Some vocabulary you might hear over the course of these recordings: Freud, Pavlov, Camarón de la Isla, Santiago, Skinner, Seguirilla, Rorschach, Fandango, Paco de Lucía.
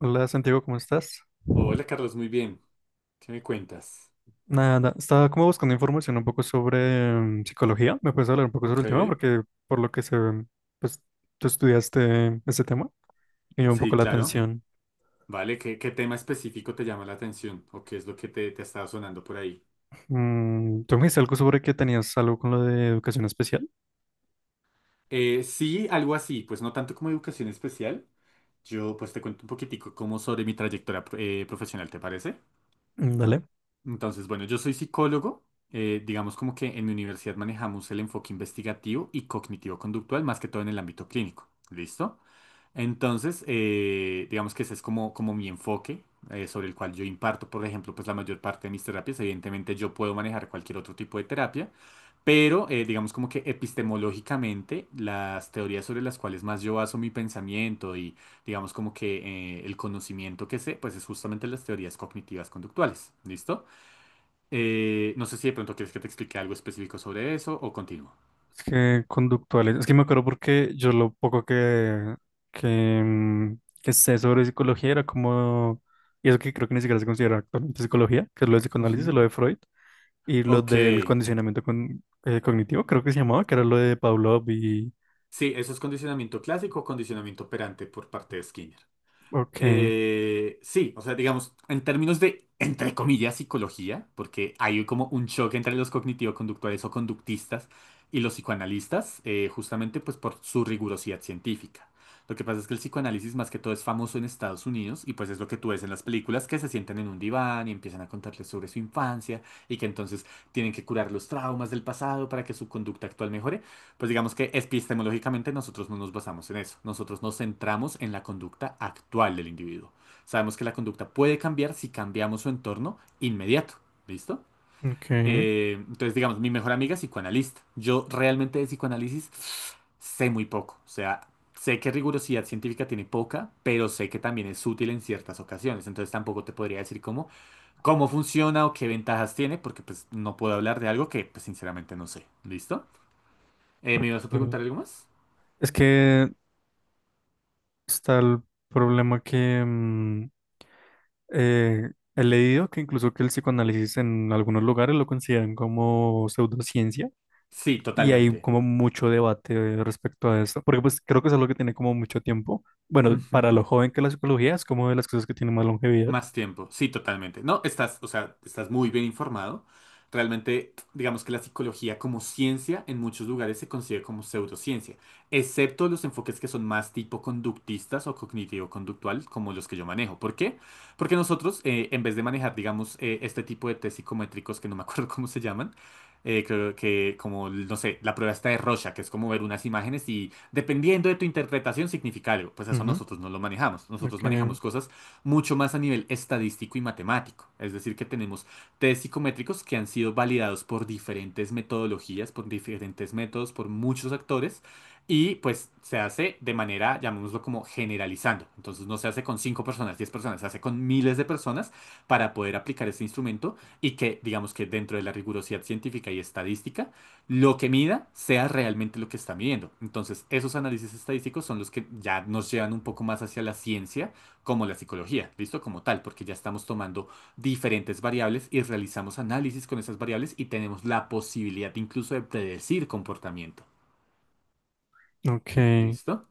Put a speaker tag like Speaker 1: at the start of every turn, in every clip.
Speaker 1: Hola Santiago, ¿cómo estás?
Speaker 2: Hola Carlos, muy bien. ¿Qué me cuentas?
Speaker 1: Nada, estaba como buscando información un poco sobre psicología. ¿Me puedes hablar un poco sobre
Speaker 2: Ok,
Speaker 1: el tema? Porque por lo que se ve, pues tú estudiaste ese tema y me llama un poco
Speaker 2: sí,
Speaker 1: la
Speaker 2: claro.
Speaker 1: atención.
Speaker 2: Vale, ¿qué tema específico te llama la atención o qué es lo que te estaba sonando por ahí?
Speaker 1: Mm, tú me dijiste algo sobre que tenías algo con lo de educación especial.
Speaker 2: Sí, algo así, pues no tanto como educación especial. Yo pues te cuento un poquitico como sobre mi trayectoria profesional, ¿te parece?
Speaker 1: Mm. Dale.
Speaker 2: Entonces, bueno, yo soy psicólogo. Digamos como que en mi universidad manejamos el enfoque investigativo y cognitivo-conductual, más que todo en el ámbito clínico. ¿Listo? Entonces, digamos que ese es como, como mi enfoque sobre el cual yo imparto, por ejemplo, pues la mayor parte de mis terapias. Evidentemente yo puedo manejar cualquier otro tipo de terapia, pero digamos como que epistemológicamente las teorías sobre las cuales más yo baso mi pensamiento y digamos como que el conocimiento que sé, pues es justamente las teorías cognitivas conductuales. ¿Listo? No sé si de pronto quieres que te explique algo específico sobre eso o continúo.
Speaker 1: Es que conductuales. Es que me acuerdo porque yo lo poco que, mm, que sé sobre psicología era como... Y eso que creo que ni siquiera se considera actualmente psicología, que es lo de psicoanálisis y
Speaker 2: Ujú.
Speaker 1: lo de Freud. Y lo
Speaker 2: Ok,
Speaker 1: del cognitivo, creo que se llamaba, que era lo de Pavlov y...
Speaker 2: sí, eso es condicionamiento clásico o condicionamiento operante por parte de Skinner.
Speaker 1: Ok,
Speaker 2: Sí, o sea, digamos, en términos de, entre comillas, psicología, porque hay como un choque entre los cognitivo-conductuales o conductistas y los psicoanalistas, justamente pues por su rigurosidad científica. Lo que pasa es que el psicoanálisis más que todo es famoso en Estados Unidos y pues es lo que tú ves en las películas que se sientan en un diván y empiezan a contarles sobre su infancia y que entonces tienen que curar los traumas del pasado para que su conducta actual mejore. Pues digamos que epistemológicamente nosotros no nos basamos en eso. Nosotros nos centramos en la conducta actual del individuo. Sabemos que la conducta puede cambiar si cambiamos su entorno inmediato. ¿Listo?
Speaker 1: ok,
Speaker 2: Entonces, digamos, mi mejor amiga es psicoanalista. Yo realmente de psicoanálisis sé muy poco. O sea, sé que rigurosidad científica tiene poca, pero sé que también es útil en ciertas ocasiones. Entonces tampoco te podría decir cómo, cómo funciona o qué ventajas tiene, porque pues no puedo hablar de algo que pues sinceramente no sé. ¿Listo? ¿Me ibas a
Speaker 1: ok.
Speaker 2: preguntar algo más?
Speaker 1: Es que está el problema que eh, he leído que incluso que el psicoanálisis en algunos lugares lo consideran como pseudociencia
Speaker 2: Sí,
Speaker 1: y hay
Speaker 2: totalmente.
Speaker 1: como mucho debate respecto a esto, porque pues creo que es algo que tiene como mucho tiempo. Bueno, para lo
Speaker 2: Ujú.
Speaker 1: joven que la psicología es como de las cosas que tiene más longevidad.
Speaker 2: Más tiempo, sí, totalmente. No, estás, o sea, estás muy bien informado. Realmente, digamos que la psicología como ciencia en muchos lugares se considera como pseudociencia, excepto los enfoques que son más tipo conductistas o cognitivo-conductual, como los que yo manejo. ¿Por qué? Porque nosotros, en vez de manejar, digamos, este tipo de test psicométricos que no me acuerdo cómo se llaman, creo que como, no sé, la prueba está de Rorschach, que es como ver unas imágenes y dependiendo de tu interpretación significa algo. Pues eso
Speaker 1: Ujú.
Speaker 2: nosotros no lo manejamos. Nosotros
Speaker 1: Ok,
Speaker 2: manejamos cosas mucho más a nivel estadístico y matemático. Es decir, que tenemos test psicométricos que han sido validados por diferentes metodologías, por diferentes métodos, por muchos actores, y pues se hace de manera, llamémoslo como generalizando. Entonces no se hace con 5 personas, 10 personas, se hace con miles de personas para poder aplicar este instrumento y que, digamos que dentro de la rigurosidad científica y estadística, lo que mida sea realmente lo que está midiendo. Entonces, esos análisis estadísticos son los que ya nos llevan un poco más hacia la ciencia como la psicología, ¿listo? Como tal, porque ya estamos tomando diferentes variables y realizamos análisis con esas variables y tenemos la posibilidad incluso de predecir comportamiento,
Speaker 1: ok,
Speaker 2: ¿listo?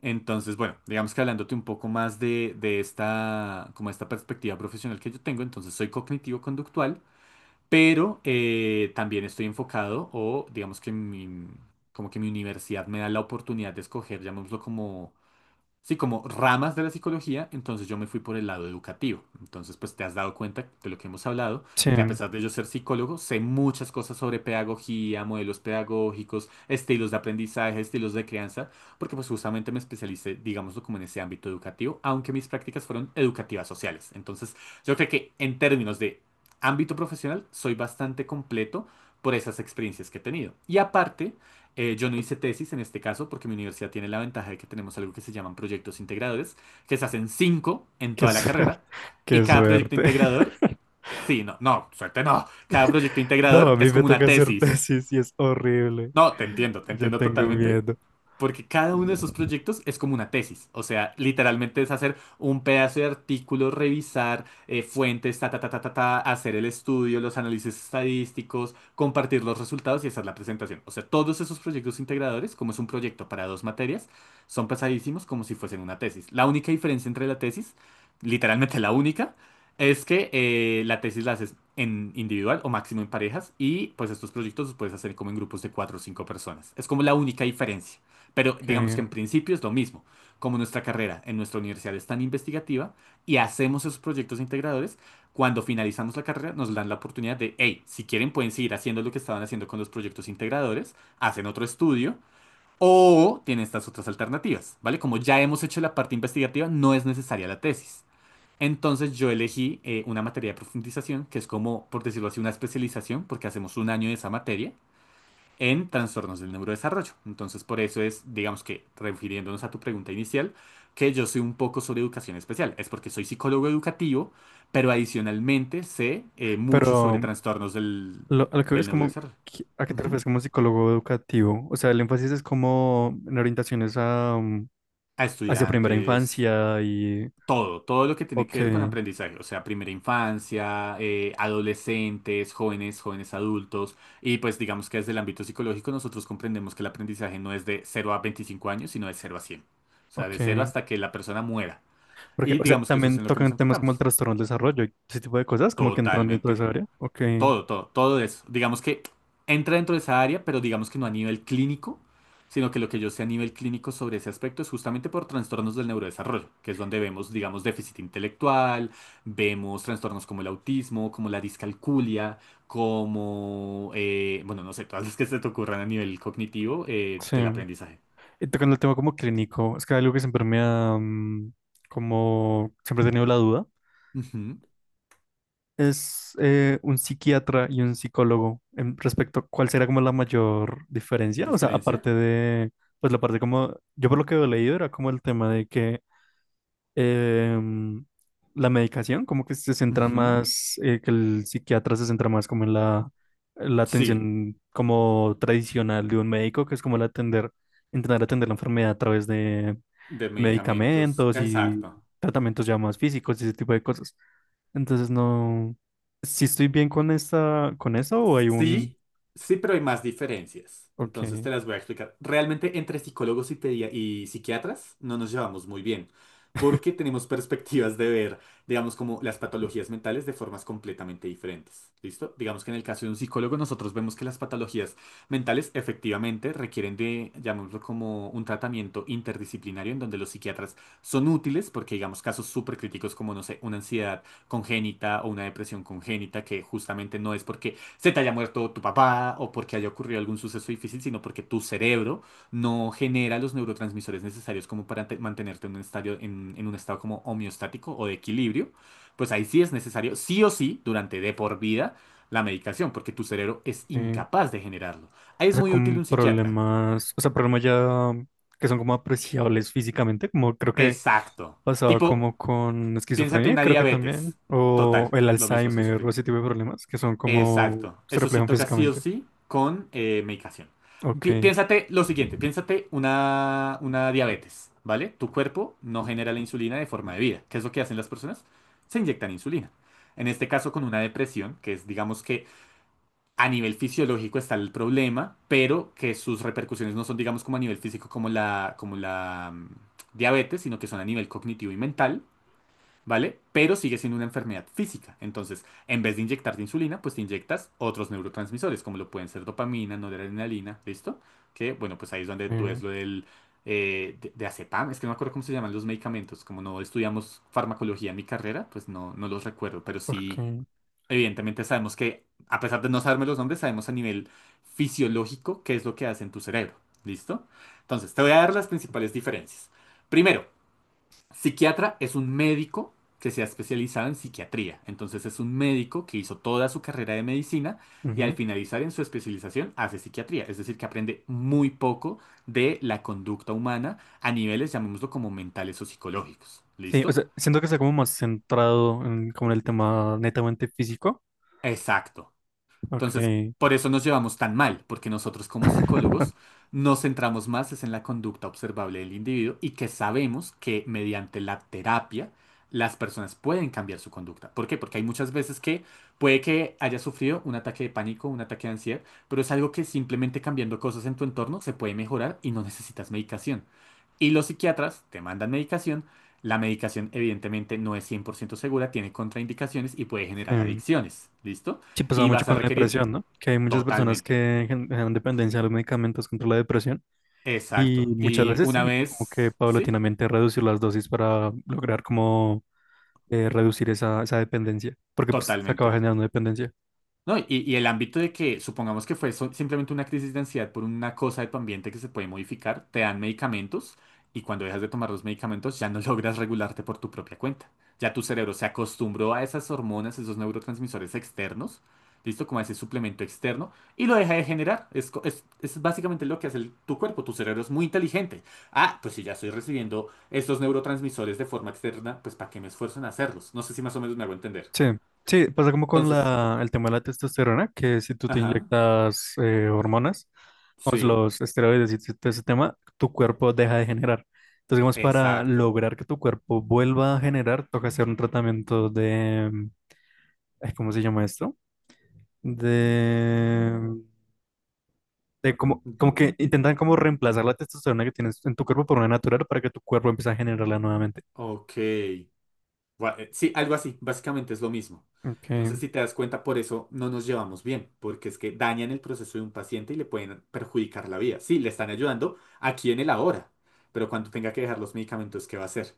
Speaker 2: Entonces, bueno, digamos que hablándote un poco más de esta, como esta perspectiva profesional que yo tengo, entonces soy cognitivo-conductual, pero también estoy enfocado o digamos que mi, como que mi universidad me da la oportunidad de escoger, llamémoslo como sí, como ramas de la psicología, entonces yo me fui por el lado educativo. Entonces, pues te has dado cuenta de lo que hemos hablado, que a
Speaker 1: sí.
Speaker 2: pesar de yo ser psicólogo, sé muchas cosas sobre pedagogía, modelos pedagógicos, estilos de aprendizaje, estilos de crianza, porque pues justamente me especialicé, digámoslo, como en ese ámbito educativo, aunque mis prácticas fueron educativas sociales. Entonces, yo creo que en términos de ámbito profesional, soy bastante completo por esas experiencias que he tenido. Y aparte, yo no hice tesis en este caso porque mi universidad tiene la ventaja de que tenemos algo que se llaman proyectos integradores, que se hacen cinco en
Speaker 1: Qué
Speaker 2: toda la
Speaker 1: suerte,
Speaker 2: carrera y
Speaker 1: qué
Speaker 2: cada proyecto
Speaker 1: suerte.
Speaker 2: integrador, sí, no, no, suerte no, cada proyecto
Speaker 1: No,
Speaker 2: integrador
Speaker 1: a mí
Speaker 2: es
Speaker 1: me
Speaker 2: como una
Speaker 1: toca hacer
Speaker 2: tesis.
Speaker 1: tesis y es horrible.
Speaker 2: No, te
Speaker 1: Ya
Speaker 2: entiendo
Speaker 1: tengo
Speaker 2: totalmente,
Speaker 1: miedo.
Speaker 2: porque cada uno de esos proyectos es como una tesis, o sea, literalmente es hacer un pedazo de artículo, revisar fuentes, ta, ta, ta, ta, ta, ta, hacer el estudio, los análisis estadísticos, compartir los resultados y hacer la presentación. O sea, todos esos proyectos integradores, como es un proyecto para dos materias, son pesadísimos como si fuesen una tesis. La única diferencia entre la tesis, literalmente la única, es que la tesis la haces en individual o máximo en parejas y pues estos proyectos los puedes hacer como en grupos de cuatro o cinco personas. Es como la única diferencia. Pero
Speaker 1: Ok,
Speaker 2: digamos que en principio es lo mismo. Como nuestra carrera en nuestra universidad es tan investigativa y hacemos esos proyectos integradores, cuando finalizamos la carrera nos dan la oportunidad de, hey, si quieren pueden seguir haciendo lo que estaban haciendo con los proyectos integradores, hacen otro estudio o tiene estas otras alternativas, ¿vale? Como ya hemos hecho la parte investigativa, no es necesaria la tesis. Entonces yo elegí una materia de profundización, que es como, por decirlo así, una especialización, porque hacemos un año de esa materia en trastornos del neurodesarrollo. Entonces por eso es, digamos que, refiriéndonos a tu pregunta inicial, que yo soy un poco sobre educación especial. Es porque soy psicólogo educativo, pero adicionalmente sé mucho sobre
Speaker 1: pero
Speaker 2: trastornos
Speaker 1: a lo que veo
Speaker 2: del
Speaker 1: es como,
Speaker 2: neurodesarrollo.
Speaker 1: ¿qué- ¿a qué te
Speaker 2: Ujú.
Speaker 1: refieres como psicólogo educativo? O sea, el énfasis es como en orientaciones a
Speaker 2: A
Speaker 1: hacia primera
Speaker 2: estudiantes.
Speaker 1: infancia y...
Speaker 2: Todo, todo lo que tiene que
Speaker 1: Ok,
Speaker 2: ver con aprendizaje, o sea, primera infancia, adolescentes, jóvenes, jóvenes adultos, y pues digamos que desde el ámbito psicológico nosotros comprendemos que el aprendizaje no es de cero a 25 años, sino de cero a 100, o sea, de cero
Speaker 1: ok.
Speaker 2: hasta que la persona muera,
Speaker 1: Porque,
Speaker 2: y
Speaker 1: o sea,
Speaker 2: digamos que eso es
Speaker 1: también
Speaker 2: en lo que nos
Speaker 1: tocan temas como el
Speaker 2: enfocamos.
Speaker 1: trastorno del desarrollo y ese tipo de cosas, como que entran dentro de
Speaker 2: Totalmente.
Speaker 1: esa área. Ok,
Speaker 2: Todo, todo, todo eso. Digamos que entra dentro de esa área, pero digamos que no a nivel clínico, sino que lo que yo sé a nivel clínico sobre ese aspecto es justamente por trastornos del neurodesarrollo, que es donde vemos, digamos, déficit intelectual, vemos trastornos como el autismo, como la discalculia, como, bueno, no sé, todas las que se te ocurran a nivel cognitivo
Speaker 1: sí.
Speaker 2: del aprendizaje.
Speaker 1: Y tocando el tema como clínico, es que algo que siempre como siempre he tenido la duda,
Speaker 2: Ujú.
Speaker 1: es un psiquiatra y un psicólogo en respecto a cuál será como la mayor diferencia, o sea,
Speaker 2: ¿Diferencia?
Speaker 1: aparte de, pues la parte como, yo por lo que he leído era como el tema de que em, la medicación, como que se centran
Speaker 2: Ujú.
Speaker 1: más, que el psiquiatra se centra más como en la
Speaker 2: Sí,
Speaker 1: atención como tradicional de un médico, que es como el atender, intentar atender la enfermedad a través de
Speaker 2: de medicamentos.
Speaker 1: medicamentos y
Speaker 2: Exacto.
Speaker 1: tratamientos ya más físicos y ese tipo de cosas. Entonces no, si estoy bien con esta, con eso o hay un,
Speaker 2: Sí, sí, pero hay más diferencias.
Speaker 1: ok,
Speaker 2: Entonces te las voy a explicar. Realmente entre psicólogos y, y psiquiatras no nos llevamos muy bien, porque tenemos perspectivas de ver, digamos, como las patologías mentales de formas completamente diferentes. ¿Listo? Digamos que en el caso de un psicólogo nosotros vemos que las patologías mentales efectivamente requieren de, llamémoslo como un tratamiento interdisciplinario en donde los psiquiatras son útiles porque, digamos, casos súper críticos como, no sé, una ansiedad congénita o una depresión congénita que justamente no es porque se te haya muerto tu papá o porque haya ocurrido algún suceso difícil, sino porque tu cerebro no genera los neurotransmisores necesarios como para mantenerte en un estado, en un estado como homeostático o de equilibrio, pues ahí sí es necesario, sí o sí, durante de por vida, la medicación, porque tu cerebro es
Speaker 1: ok.
Speaker 2: incapaz de generarlo. Ahí
Speaker 1: O
Speaker 2: es
Speaker 1: sea,
Speaker 2: muy útil
Speaker 1: con
Speaker 2: un psiquiatra.
Speaker 1: problemas, o sea, problemas ya que son como apreciables físicamente, como creo que
Speaker 2: Exacto.
Speaker 1: pasaba
Speaker 2: Tipo,
Speaker 1: como con
Speaker 2: piénsate
Speaker 1: esquizofrenia,
Speaker 2: una
Speaker 1: creo que también,
Speaker 2: diabetes.
Speaker 1: o
Speaker 2: Total,
Speaker 1: el
Speaker 2: lo mismo es que
Speaker 1: Alzheimer, o
Speaker 2: sufrimos.
Speaker 1: ese tipo de problemas que son como
Speaker 2: Exacto.
Speaker 1: se
Speaker 2: Eso sí
Speaker 1: reflejan
Speaker 2: toca sí o
Speaker 1: físicamente.
Speaker 2: sí con medicación.
Speaker 1: Ok,
Speaker 2: Piénsate lo siguiente, piénsate una diabetes, ¿vale? Tu cuerpo no genera la insulina de forma debida. ¿Qué es lo que hacen las personas? Se inyectan insulina. En este caso con una depresión, que es digamos que a nivel fisiológico está el problema, pero que sus repercusiones no son digamos como a nivel físico como la diabetes, sino que son a nivel cognitivo y mental. ¿Vale? Pero sigue siendo una enfermedad física. Entonces, en vez de inyectarte insulina, pues te inyectas otros neurotransmisores, como lo pueden ser dopamina, noradrenalina, ¿listo? Que, bueno, pues ahí es donde tú ves
Speaker 1: ok,
Speaker 2: lo del... de acetam, es que no me acuerdo cómo se llaman los medicamentos, como no estudiamos farmacología en mi carrera, pues no, no los recuerdo, pero sí,
Speaker 1: ok.
Speaker 2: evidentemente sabemos que, a pesar de no saberme los nombres, sabemos a nivel fisiológico qué es lo que hace en tu cerebro, ¿listo? Entonces, te voy a dar las principales diferencias. Primero, psiquiatra es un médico que se ha especializado en psiquiatría. Entonces es un médico que hizo toda su carrera de medicina y al
Speaker 1: Ujú.
Speaker 2: finalizar en su especialización hace psiquiatría. Es decir, que aprende muy poco de la conducta humana a niveles, llamémoslo como mentales o psicológicos.
Speaker 1: Sí, o
Speaker 2: ¿Listo?
Speaker 1: sea, siento que está como más centrado en, como en el tema netamente físico.
Speaker 2: Exacto.
Speaker 1: Ok.
Speaker 2: Entonces, por eso nos llevamos tan mal, porque nosotros como psicólogos nos centramos más es en la conducta observable del individuo y que sabemos que mediante la terapia las personas pueden cambiar su conducta. ¿Por qué? Porque hay muchas veces que puede que haya sufrido un ataque de pánico, un ataque de ansiedad, pero es algo que simplemente cambiando cosas en tu entorno se puede mejorar y no necesitas medicación. Y los psiquiatras te mandan medicación. La medicación evidentemente no es 100% segura, tiene contraindicaciones y puede generar
Speaker 1: Sí.
Speaker 2: adicciones. ¿Listo?
Speaker 1: Sí, pasaba
Speaker 2: Y
Speaker 1: mucho
Speaker 2: vas a
Speaker 1: con la
Speaker 2: requerir
Speaker 1: depresión, ¿no? Que hay muchas personas
Speaker 2: totalmente.
Speaker 1: que generan dependencia a los medicamentos contra la depresión. Y
Speaker 2: Exacto.
Speaker 1: muchas
Speaker 2: Y
Speaker 1: veces
Speaker 2: una
Speaker 1: tienen que como que
Speaker 2: vez, sí,
Speaker 1: paulatinamente reducir las dosis para lograr como reducir esa dependencia, porque pues, se acaba
Speaker 2: totalmente.
Speaker 1: generando dependencia.
Speaker 2: No, y el ámbito de que supongamos que fue simplemente una crisis de ansiedad por una cosa de tu ambiente que se puede modificar, te dan medicamentos y cuando dejas de tomar los medicamentos ya no logras regularte por tu propia cuenta. Ya tu cerebro se acostumbró a esas hormonas, esos neurotransmisores externos, listo, como a ese suplemento externo, y lo deja de generar. Es básicamente lo que hace tu cuerpo, tu cerebro es muy inteligente. Ah, pues si ya estoy recibiendo estos neurotransmisores de forma externa, pues ¿para qué me esfuerzo en hacerlos? No sé si más o menos me hago entender.
Speaker 1: Sí, sí, pasa como con
Speaker 2: Entonces,
Speaker 1: el tema de la testosterona, que si tú te
Speaker 2: ajá,
Speaker 1: inyectas hormonas, pues,
Speaker 2: sí.
Speaker 1: los esteroides y todo ese tema, tu cuerpo deja de generar. Entonces, digamos, para
Speaker 2: Exacto.
Speaker 1: lograr que tu cuerpo vuelva a generar, toca hacer un tratamiento ay, ¿cómo se llama esto? De de como, como
Speaker 2: De-
Speaker 1: que intentan como reemplazar la testosterona que tienes en tu cuerpo por una natural para que tu cuerpo empiece a generarla nuevamente.
Speaker 2: Ok. Sí, algo así, básicamente es lo mismo.
Speaker 1: Ok,
Speaker 2: Entonces, si te das cuenta, por eso no nos llevamos bien, porque es que dañan el proceso de un paciente y le pueden perjudicar la vida. Sí, le están ayudando aquí en el ahora, pero cuando tenga que dejar los medicamentos, ¿qué va a hacer?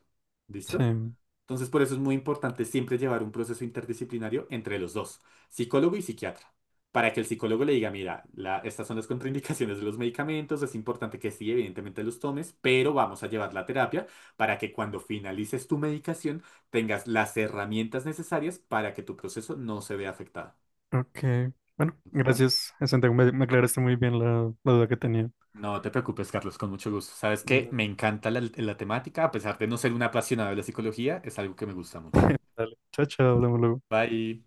Speaker 2: ¿Listo?
Speaker 1: sí,
Speaker 2: Entonces, por eso es muy importante siempre llevar un proceso interdisciplinario entre los dos, psicólogo y psiquiatra, para que el psicólogo le diga, mira, estas son las contraindicaciones de los medicamentos, es importante que sí, evidentemente los tomes, pero vamos a llevar la terapia para que cuando finalices tu medicación tengas las herramientas necesarias para que tu proceso no se vea afectado.
Speaker 1: ok. Bueno,
Speaker 2: ¿Listo?
Speaker 1: gracias, Santiago. Me aclaraste muy bien la duda que tenía.
Speaker 2: No te preocupes, Carlos, con mucho gusto. Sabes que
Speaker 1: Dale,
Speaker 2: me encanta la temática, a pesar de no ser un apasionado de la psicología, es algo que me gusta mucho.
Speaker 1: dale. Chao, chao, hablamos luego.
Speaker 2: Bye.